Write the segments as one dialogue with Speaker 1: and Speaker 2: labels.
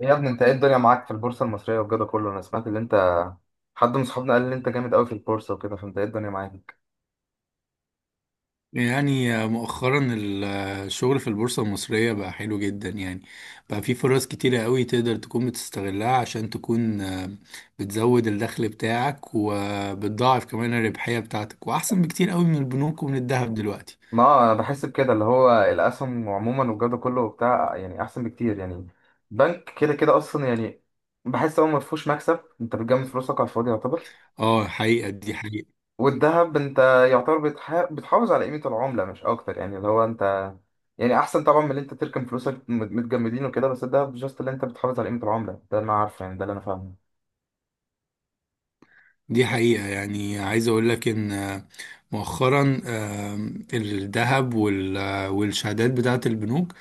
Speaker 1: إيه يا ابني، انت ايه الدنيا معاك في البورصه المصريه والجو ده كله؟ انا سمعت اللي انت، حد من صحابنا قال لي انت جامد قوي في البورصه وكده، فانت ايه الدنيا معاك؟
Speaker 2: يعني مؤخرا الشغل في البورصة المصرية بقى حلو جدا يعني. بقى في فرص كتيرة قوي تقدر تكون بتستغلها عشان تكون بتزود الدخل بتاعك وبتضاعف كمان الربحية بتاعتك وأحسن بكتير قوي من البنوك ومن الذهب دلوقتي.
Speaker 1: ما انا بحس بكده، اللي هو الاسهم عموما والجو ده كله بتاع يعني احسن بكتير يعني. بنك كده كده اصلا يعني، بحس هو ما فيهوش مكسب، انت بتجمد فلوسك على الفاضي يعتبر.
Speaker 2: اه، حقيقة، دي حقيقة
Speaker 1: والذهب انت يعتبر بتحافظ على قيمه العمله مش اكتر، يعني اللي هو انت يعني احسن طبعا من اللي انت تركن فلوسك متجمدين وكده، بس الذهب جاست اللي انت بتحافظ على قيمه العمله، ده انا عارفه، يعني ده اللي انا فاهمه.
Speaker 2: دي حقيقة. يعني عايز أقول لك إن مؤخرا الذهب والشهادات بتاعة البنوك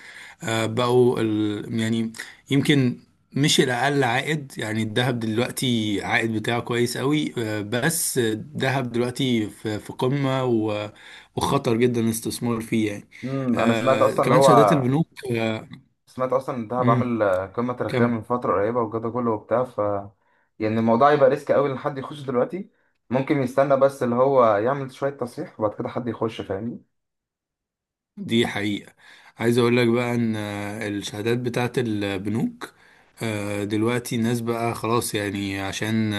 Speaker 2: بقوا يعني، يمكن مش الأقل عائد. يعني الذهب دلوقتي عائد بتاعه كويس قوي، بس الذهب دلوقتي في قمة وخطر جدا الاستثمار فيه يعني.
Speaker 1: انا سمعت اصلا اللي
Speaker 2: كمان
Speaker 1: هو،
Speaker 2: شهادات البنوك
Speaker 1: سمعت اصلا ان دهب
Speaker 2: مم،
Speaker 1: عامل قمه تاريخيه
Speaker 2: كمل.
Speaker 1: من فتره قريبه والجو ده كله وبتاع، يعني الموضوع يبقى ريسك قوي ان حد يخش دلوقتي. ممكن يستنى بس اللي هو يعمل شويه تصحيح وبعد كده حد يخش فاهمني.
Speaker 2: دي حقيقة. عايز اقول لك بقى ان الشهادات بتاعت البنوك دلوقتي الناس بقى خلاص يعني عشان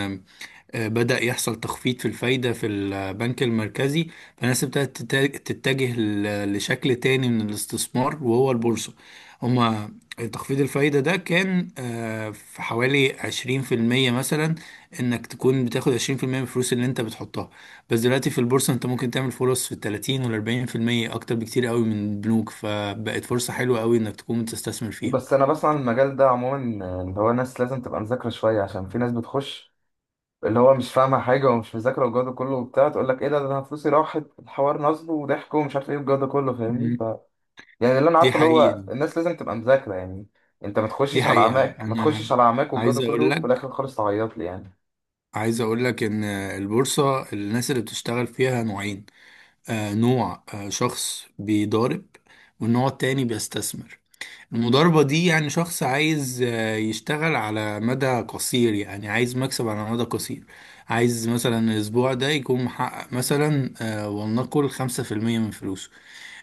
Speaker 2: بدأ يحصل تخفيض في الفايدة في البنك المركزي. فالناس ابتدت تتجه لشكل تاني من الاستثمار وهو البورصة. هما تخفيض الفايدة ده كان في حوالي 20% مثلا، انك تكون بتاخد 20% من الفلوس اللي انت بتحطها. بس دلوقتي في البورصة انت ممكن تعمل فرص في 30% و40% أكتر بكتير قوي من البنوك، فبقت فرصة حلوة قوي انك تكون بتستثمر فيها.
Speaker 1: بس انا بسمع عن المجال ده عموما، اللي هو ناس لازم تبقى مذاكره شويه، عشان في ناس بتخش اللي هو مش فاهمه حاجه ومش مذاكره والجو ده كله وبتاع، تقول لك ايه ده انا فلوسي راحت، الحوار نصب وضحك ومش عارف ايه والجو ده كله فاهمني،
Speaker 2: مم.
Speaker 1: يعني اللي انا
Speaker 2: دي
Speaker 1: عارفه اللي هو
Speaker 2: حقيقة.
Speaker 1: الناس لازم تبقى مذاكره يعني. انت ما
Speaker 2: دي
Speaker 1: تخشش على
Speaker 2: حقيقة.
Speaker 1: عماك، ما تخشش
Speaker 2: أنا
Speaker 1: على عماك والجو ده
Speaker 2: عايز أقول
Speaker 1: كله، في
Speaker 2: لك
Speaker 1: الاخر خالص تعيط لي يعني.
Speaker 2: عايز اقول لك ان البورصة الناس اللي بتشتغل فيها نوعين. نوع شخص بيضارب، والنوع التاني بيستثمر. المضاربة دي يعني شخص عايز يشتغل على مدى قصير، يعني عايز مكسب على مدى قصير. عايز مثلا الاسبوع ده يكون محقق مثلا ولنقل 5% من فلوسه.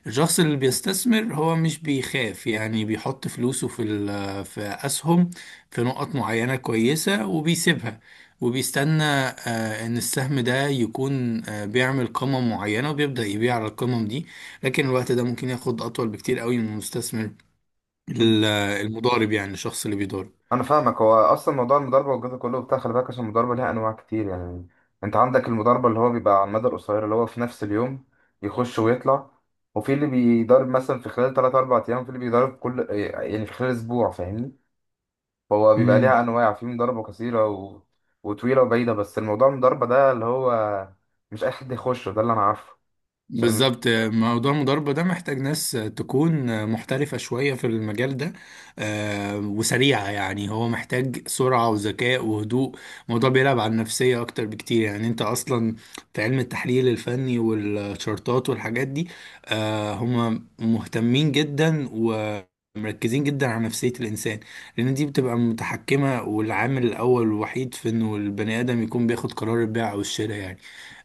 Speaker 2: الشخص اللي بيستثمر هو مش بيخاف، يعني بيحط فلوسه في أسهم في نقط معينة كويسة وبيسيبها. وبيستنى إن السهم ده يكون بيعمل قمة معينة وبيبدأ يبيع على القمم دي. لكن الوقت ده ممكن ياخد أطول بكتير قوي من المستثمر،
Speaker 1: مم.
Speaker 2: ال- المضارب، يعني الشخص اللي بيضارب.
Speaker 1: انا فاهمك، هو اصلا موضوع المضاربه والجزء كله بتاع، خلي بالك، عشان المضاربه ليها انواع كتير يعني. انت عندك المضاربه اللي هو بيبقى على المدى القصير اللي هو في نفس اليوم، يخش ويطلع. وفي اللي بيضارب مثلا في خلال 3 4 ايام، في اللي بيضارب كل يعني في خلال اسبوع فاهمني. فهو بيبقى
Speaker 2: مم.
Speaker 1: ليها انواع، في مضاربه قصيره و... وطويله وبعيده، بس الموضوع المضاربه ده اللي هو مش اي حد يخشه، ده اللي انا عارفه. عشان
Speaker 2: بالظبط، موضوع المضاربة ده محتاج ناس تكون محترفة شوية في المجال ده، وسريعة، يعني هو محتاج سرعة وذكاء وهدوء. الموضوع بيلعب على النفسية أكتر بكتير، يعني أنت أصلا في علم التحليل الفني والشارتات والحاجات دي هم مهتمين جدا و مركزين جدا على نفسية الإنسان. لأن دي بتبقى متحكمة والعامل الأول والوحيد في إنه البني آدم يكون بياخد قرار البيع أو الشراء يعني.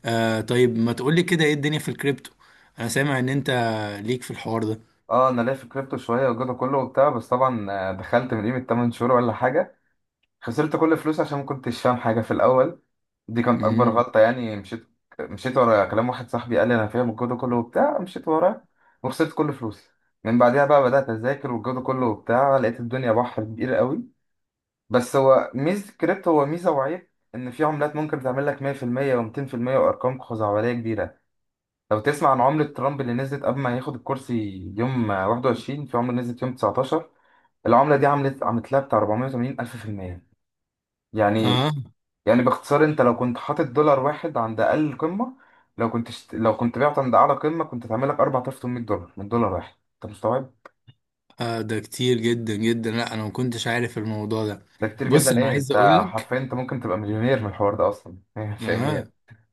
Speaker 2: طيب، ما تقولي كده ايه الدنيا في الكريبتو؟ انا سامع ان انت ليك في الحوار ده.
Speaker 1: اه انا ليا في الكريبتو شويه والجزء كله وبتاع، بس طبعا دخلت من قيمه 8 شهور ولا حاجه، خسرت كل فلوسي عشان ما كنتش فاهم حاجة في الأول. دي كانت اكبر
Speaker 2: امم.
Speaker 1: غلطه، يعني مشيت ورا كلام واحد صاحبي قال لي انا فاهم الجو ده كله وبتاع، مشيت وراه وخسرت كل فلوسي. من بعدها بقى بدات اذاكر والجو ده كله وبتاع، لقيت الدنيا بحر كبير قوي. بس هو ميزه الكريبتو، هو ميزه وعيب، ان في عملات ممكن تعمل لك 100% و200% وارقام خزعبليه كبيره. لو تسمع عن عمله ترامب اللي نزلت قبل ما ياخد الكرسي، يوم 21، في عمله نزلت يوم 19، العمله دي عملت لها بتاع 480 الف في المية
Speaker 2: آه.
Speaker 1: يعني. يعني باختصار، انت لو كنت حاطط دولار واحد عند اقل قمه، لو كنت بعت عند اعلى قمه كنت هتعمل لك 4800$ من دولار واحد. انت مستوعب؟
Speaker 2: اه، ده كتير جدا جدا. لا، انا ما كنتش عارف الموضوع ده.
Speaker 1: ده كتير
Speaker 2: بص،
Speaker 1: جدا
Speaker 2: انا
Speaker 1: ايه،
Speaker 2: عايز
Speaker 1: انت
Speaker 2: اقول لك.
Speaker 1: حرفيا انت ممكن تبقى مليونير من الحوار ده اصلا فاهمني
Speaker 2: اه.
Speaker 1: يعني؟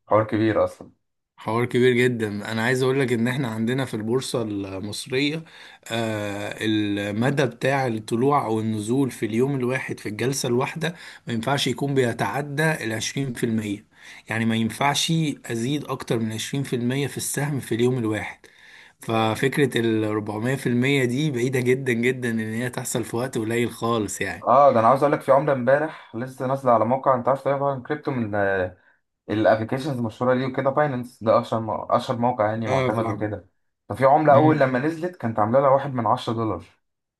Speaker 1: حوار كبير اصلا.
Speaker 2: حوار كبير جدا. انا عايز اقول لك ان احنا عندنا في البورصة المصرية المدى بتاع الطلوع او النزول في اليوم الواحد في الجلسة الواحدة ما ينفعش يكون بيتعدى ال 20%. يعني ما ينفعش ازيد اكتر من 20% في المية في السهم في اليوم الواحد. ففكرة ال 400% دي بعيدة جدا جدا إن هي تحصل في وقت قليل خالص يعني.
Speaker 1: اه ده انا عاوز اقول لك، في عمله امبارح لسه نازله على موقع، انت عارف طبعا كريبتو من الابلكيشنز المشهوره ليه وكده، باينانس ده اشهر اشهر موقع يعني
Speaker 2: اه،
Speaker 1: معتمد
Speaker 2: فاهم.
Speaker 1: وكده. ففي عمله اول
Speaker 2: مم.
Speaker 1: لما نزلت كانت عامله لها واحد من عشرة دولار،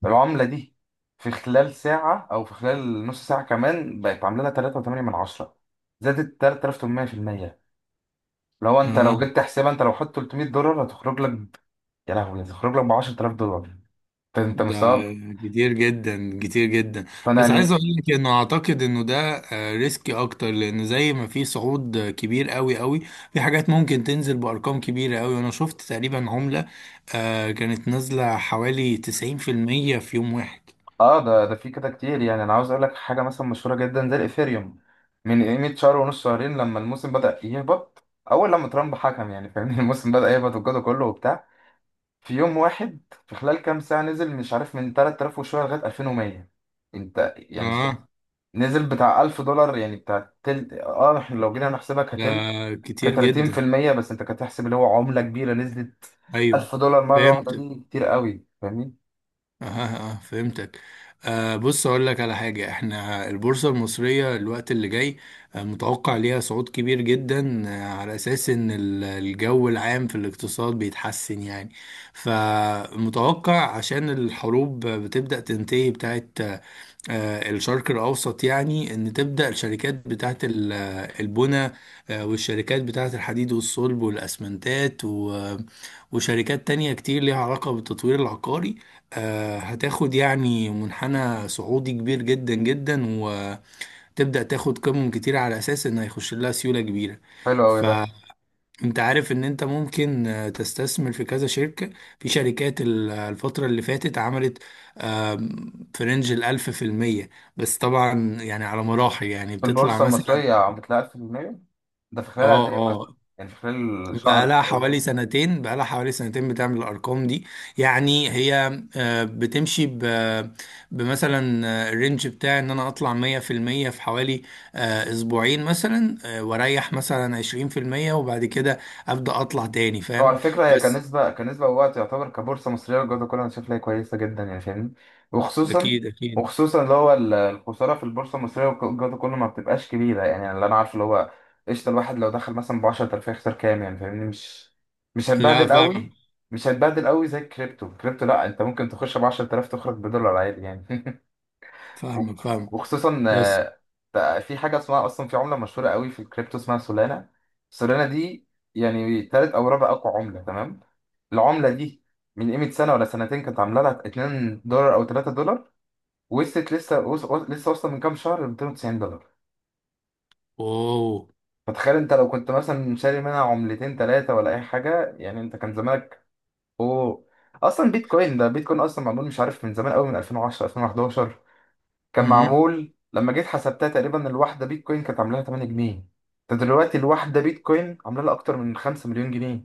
Speaker 1: العمله دي في خلال ساعه او في خلال نص ساعه كمان بقت عامله لها 3.8 من عشرة، زادت 3800%. لو انت
Speaker 2: اه،
Speaker 1: لو جيت تحسبها، انت لو حط 300$ هتخرج لك يا لهوي هتخرج لك ب 10,000$. انت
Speaker 2: ده
Speaker 1: مستوعب؟
Speaker 2: كتير جدا كتير جدا.
Speaker 1: فانا
Speaker 2: بس عايز
Speaker 1: يعني.
Speaker 2: اقول لك انه اعتقد انه ده ريسكي اكتر، لان زي ما في صعود كبير قوي قوي، في حاجات ممكن تنزل بارقام كبيره قوي. وانا شفت تقريبا عمله كانت نازله حوالي 90% في المية في يوم واحد.
Speaker 1: اه ده في كده كتير، يعني انا عاوز اقول لك حاجه مثلا مشهوره جدا زي الايثيريوم، من قيمه شهر ونص شهرين لما الموسم بدا يهبط، اول لما ترامب حكم يعني فاهمني الموسم بدا يهبط والجو ده كله وبتاع، في يوم واحد في خلال كام ساعه نزل مش عارف من 3000 وشويه لغايه 2100. انت يعني
Speaker 2: اه،
Speaker 1: نزل بتاع 1,000$، يعني بتاع تل اه احنا لو جينا نحسبها
Speaker 2: ده
Speaker 1: كتل، ك
Speaker 2: كتير جدا.
Speaker 1: 30%، بس انت كتحسب اللي هو عمله كبيره نزلت
Speaker 2: ايوه،
Speaker 1: 1,000$ مره واحده،
Speaker 2: فهمت.
Speaker 1: دي كتير قوي فاهمني.
Speaker 2: اه، اه، فهمتك. بص، اقول لك على حاجه: احنا البورصه المصريه الوقت اللي جاي متوقع ليها صعود كبير جدا، على اساس ان الجو العام في الاقتصاد بيتحسن يعني. فمتوقع، عشان الحروب بتبدا تنتهي بتاعت الشرق الأوسط، يعني إن تبدأ الشركات بتاعت البنى، والشركات بتاعت الحديد والصلب والأسمنتات وشركات تانية كتير ليها علاقة بالتطوير العقاري. هتاخد يعني منحنى صعودي كبير جدا جدا، وتبدأ تاخد قيمم كتير على أساس إن هيخش لها سيولة كبيرة.
Speaker 1: حلو قوي ده.
Speaker 2: فأنت عارف إن أنت ممكن تستثمر في كذا شركة. في شركات الفترة اللي فاتت عملت في رينج 1000%. بس طبعا يعني على مراحل، يعني
Speaker 1: في
Speaker 2: بتطلع
Speaker 1: البورصة
Speaker 2: مثلا.
Speaker 1: المصرية عم بتلاقي 1000%؟ ده في خلال
Speaker 2: اه،
Speaker 1: قد إيه مثلا؟
Speaker 2: اه.
Speaker 1: يعني في خلال شهر
Speaker 2: بقى لها
Speaker 1: شهرين؟
Speaker 2: حوالي سنتين، بقى لها حوالي سنتين بتعمل الأرقام دي. يعني هي بتمشي بمثلا الرينج بتاعي إن أنا أطلع 100% في حوالي أسبوعين مثلا، وأريح مثلا 20%، وبعد كده أبدأ أطلع تاني
Speaker 1: طبعا
Speaker 2: فاهم.
Speaker 1: على فكرة هي
Speaker 2: بس.
Speaker 1: كنسبة، كنسبة ووقت، يعتبر كبورصة مصرية الجودة كلها أنا شايف لها كويسة جدا يعني فاهمني. وخصوصا،
Speaker 2: أكيد أكيد.
Speaker 1: اللي هو الخسارة في البورصة المصرية الجودة كلها ما بتبقاش كبيرة يعني، يعني اللي أنا عارفه اللي هو قشطة، الواحد لو دخل مثلا ب 10,000 هيخسر كام يعني فاهمني، مش
Speaker 2: لا،
Speaker 1: هتبهدل
Speaker 2: فاهمك
Speaker 1: قوي. مش هتبهدل قوي زي الكريبتو، الكريبتو لا، أنت ممكن تخش ب 10,000 تخرج بدولار عادي يعني. و-
Speaker 2: فاهمك فاهمك.
Speaker 1: وخصوصا
Speaker 2: بس.
Speaker 1: بقى في حاجه اسمها اصلا، في عمله مشهوره قوي في الكريبتو اسمها سولانا. سولانا دي يعني تالت او رابع اقوى عمله، تمام؟ العمله دي من قيمه سنه ولا سنتين كانت عامله لها 2$ او 3$، وصلت لسه لسه واصله من كام شهر ل 290$.
Speaker 2: أوه.
Speaker 1: فتخيل انت لو كنت مثلا شاري منها عملتين ثلاثه ولا اي حاجه يعني، انت كان زمانك. اوه، اصلا بيتكوين ده، بيتكوين اصلا معمول مش عارف من زمان قوي، من 2010 2011 كان معمول، لما جيت حسبتها تقريبا الواحدة بيتكوين كانت عاملاها 8 جنيه. انت دلوقتي الواحدة بيتكوين عاملة لها أكتر من 5 مليون جنيه.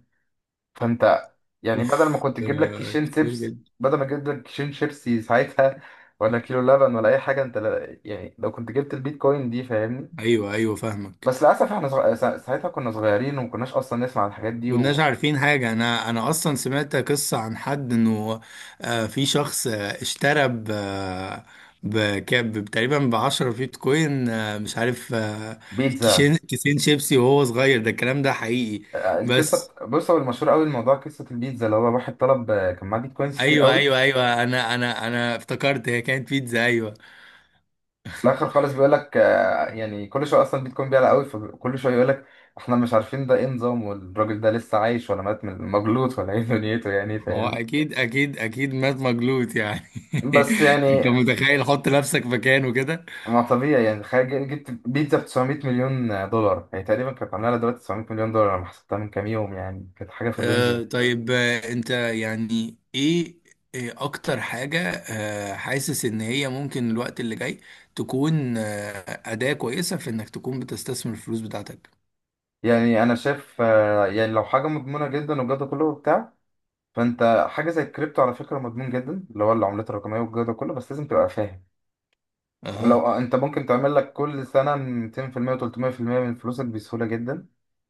Speaker 1: فانت يعني بدل ما
Speaker 2: اوف،
Speaker 1: كنت تجيب لك كيشين
Speaker 2: كتير
Speaker 1: شيبس،
Speaker 2: جدا.
Speaker 1: بدل ما تجيب لك كيشين شيبسي ساعتها ولا كيلو لبن ولا أي حاجة، انت يعني لو كنت جبت البيتكوين دي فاهمني.
Speaker 2: ايوه، ايوه فاهمك.
Speaker 1: بس للأسف احنا ساعتها كنا صغيرين وما كناش أصلا نسمع عن الحاجات دي.
Speaker 2: كناش عارفين حاجة. أنا أصلا سمعت قصة عن حد إنه في شخص اشترى ب آه، بكام تقريبا ب10 بيتكوين مش عارف
Speaker 1: وبيتزا،
Speaker 2: كيسين شيبسي وهو صغير. ده الكلام ده حقيقي؟ بس
Speaker 1: القصة بص، هو المشهور قوي الموضوع قصة البيتزا، اللي هو واحد طلب، كان معاه بيتكوينز كتير
Speaker 2: أيوه
Speaker 1: قوي.
Speaker 2: أيوه أيوه. أنا افتكرت هي كانت بيتزا أيوه.
Speaker 1: في الاخر خالص بيقول لك، يعني كل شويه اصلا بيتكون بيعلى قوي، فكل شويه يقول لك احنا مش عارفين ده ايه نظام، والراجل ده لسه عايش ولا مات من مجلوط ولا ايه دنيته، يعني
Speaker 2: هو
Speaker 1: فاهم.
Speaker 2: أكيد أكيد أكيد مات مجلوط يعني.
Speaker 1: بس
Speaker 2: أنت
Speaker 1: يعني
Speaker 2: متخيل؟ حط نفسك مكانه كده.
Speaker 1: ما طبيعي يعني، تخيل جبت بيتزا ب 900 مليون دولار، هي تقريبا كانت عامله لها دلوقتي 900 مليون دولار لما حسبتها من كام يوم، يعني كانت حاجه في الرينج دي.
Speaker 2: طيب، انت يعني ايه إيه اكتر حاجة حاسس ان هي ممكن الوقت اللي جاي تكون أداة كويسة في انك تكون بتستثمر الفلوس بتاعتك؟
Speaker 1: يعني انا شايف يعني لو حاجه مضمونه جدا والجو ده كله وبتاع، فانت حاجه زي الكريبتو على فكره مضمون جدا، اللي هو العملات الرقميه والجو ده كله، بس لازم تبقى فاهم. ولو
Speaker 2: اها.
Speaker 1: انت ممكن تعمل لك كل سنه 200% و300% من فلوسك بسهوله جدا.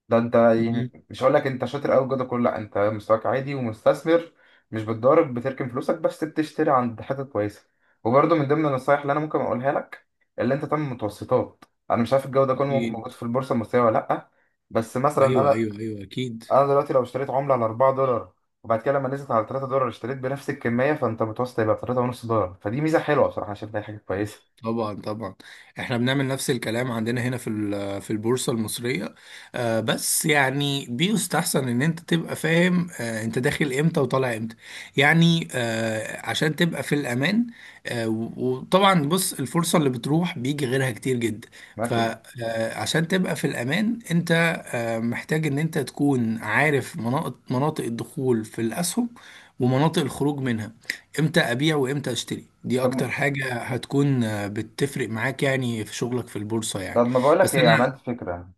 Speaker 1: ده انت
Speaker 2: مهم.
Speaker 1: يعني مش هقول لك انت شاطر قوي جدا كله، لا انت مستواك عادي ومستثمر، مش بتضارب، بتركن فلوسك بس بتشتري عند حتت كويسه. وبرده من ضمن النصايح اللي انا ممكن اقولها لك، اللي انت تعمل متوسطات. انا مش عارف الجو ده كله
Speaker 2: اكيد.
Speaker 1: موجود في البورصه المصريه ولا لا، بس مثلا
Speaker 2: ايوه،
Speaker 1: انا
Speaker 2: ايوه، ايوه، اكيد.
Speaker 1: انا دلوقتي لو اشتريت عمله على 4$، وبعد كده لما نزلت على 3$ اشتريت بنفس الكميه، فانت متوسط هيبقى 3.5$. فدي ميزه حلوه بصراحه، انا شايف إن هي حاجه كويسه.
Speaker 2: طبعا، طبعا. احنا بنعمل نفس الكلام عندنا هنا في البورصة المصرية، بس يعني بيستحسن ان انت تبقى فاهم انت داخل امتى وطالع امتى، يعني عشان تبقى في الامان، وطبعا بص، الفرصة اللي بتروح بيجي غيرها كتير جدا.
Speaker 1: ماشي.
Speaker 2: فعشان تبقى في الامان انت محتاج ان انت تكون عارف مناطق الدخول في الاسهم ومناطق الخروج منها. امتى ابيع وامتى اشتري دي
Speaker 1: طب
Speaker 2: اكتر حاجة هتكون بتفرق معاك يعني في شغلك في البورصة يعني.
Speaker 1: طب ما بقولك
Speaker 2: بس
Speaker 1: ايه، انا
Speaker 2: انا.
Speaker 1: عندي فكره.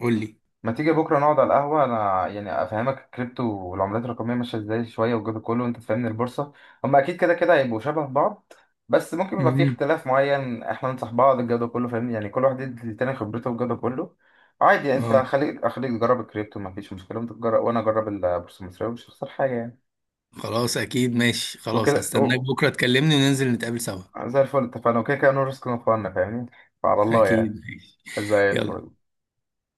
Speaker 2: قول لي.
Speaker 1: ما تيجي بكره نقعد على القهوه، انا يعني افهمك الكريبتو والعملات الرقميه ماشيه ازاي شويه والجو ده كله، وانت تفهمني البورصه. هما اكيد كده كده هيبقوا شبه بعض، بس ممكن يبقى في
Speaker 2: مهم.
Speaker 1: اختلاف معين، احنا ننصح بعض الجو ده كله فاهمني، يعني كل واحد يدي للتاني خبرته والجو ده كله. عادي، انت
Speaker 2: اه،
Speaker 1: خليك، اخليك تجرب الكريبتو ما فيش مشكله، وانت تجرب وانا اجرب البورصه المصريه ومش هخسر حاجه يعني.
Speaker 2: خلاص اكيد ماشي. خلاص،
Speaker 1: وكده
Speaker 2: هستناك بكرة تكلمني وننزل نتقابل سوا.
Speaker 1: زي الفل، اتفقنا، وكده كده نو ريسك نو فن فاهمني. فعلى الله
Speaker 2: اكيد
Speaker 1: يعني.
Speaker 2: ماشي.
Speaker 1: زي
Speaker 2: يلا.
Speaker 1: الفل.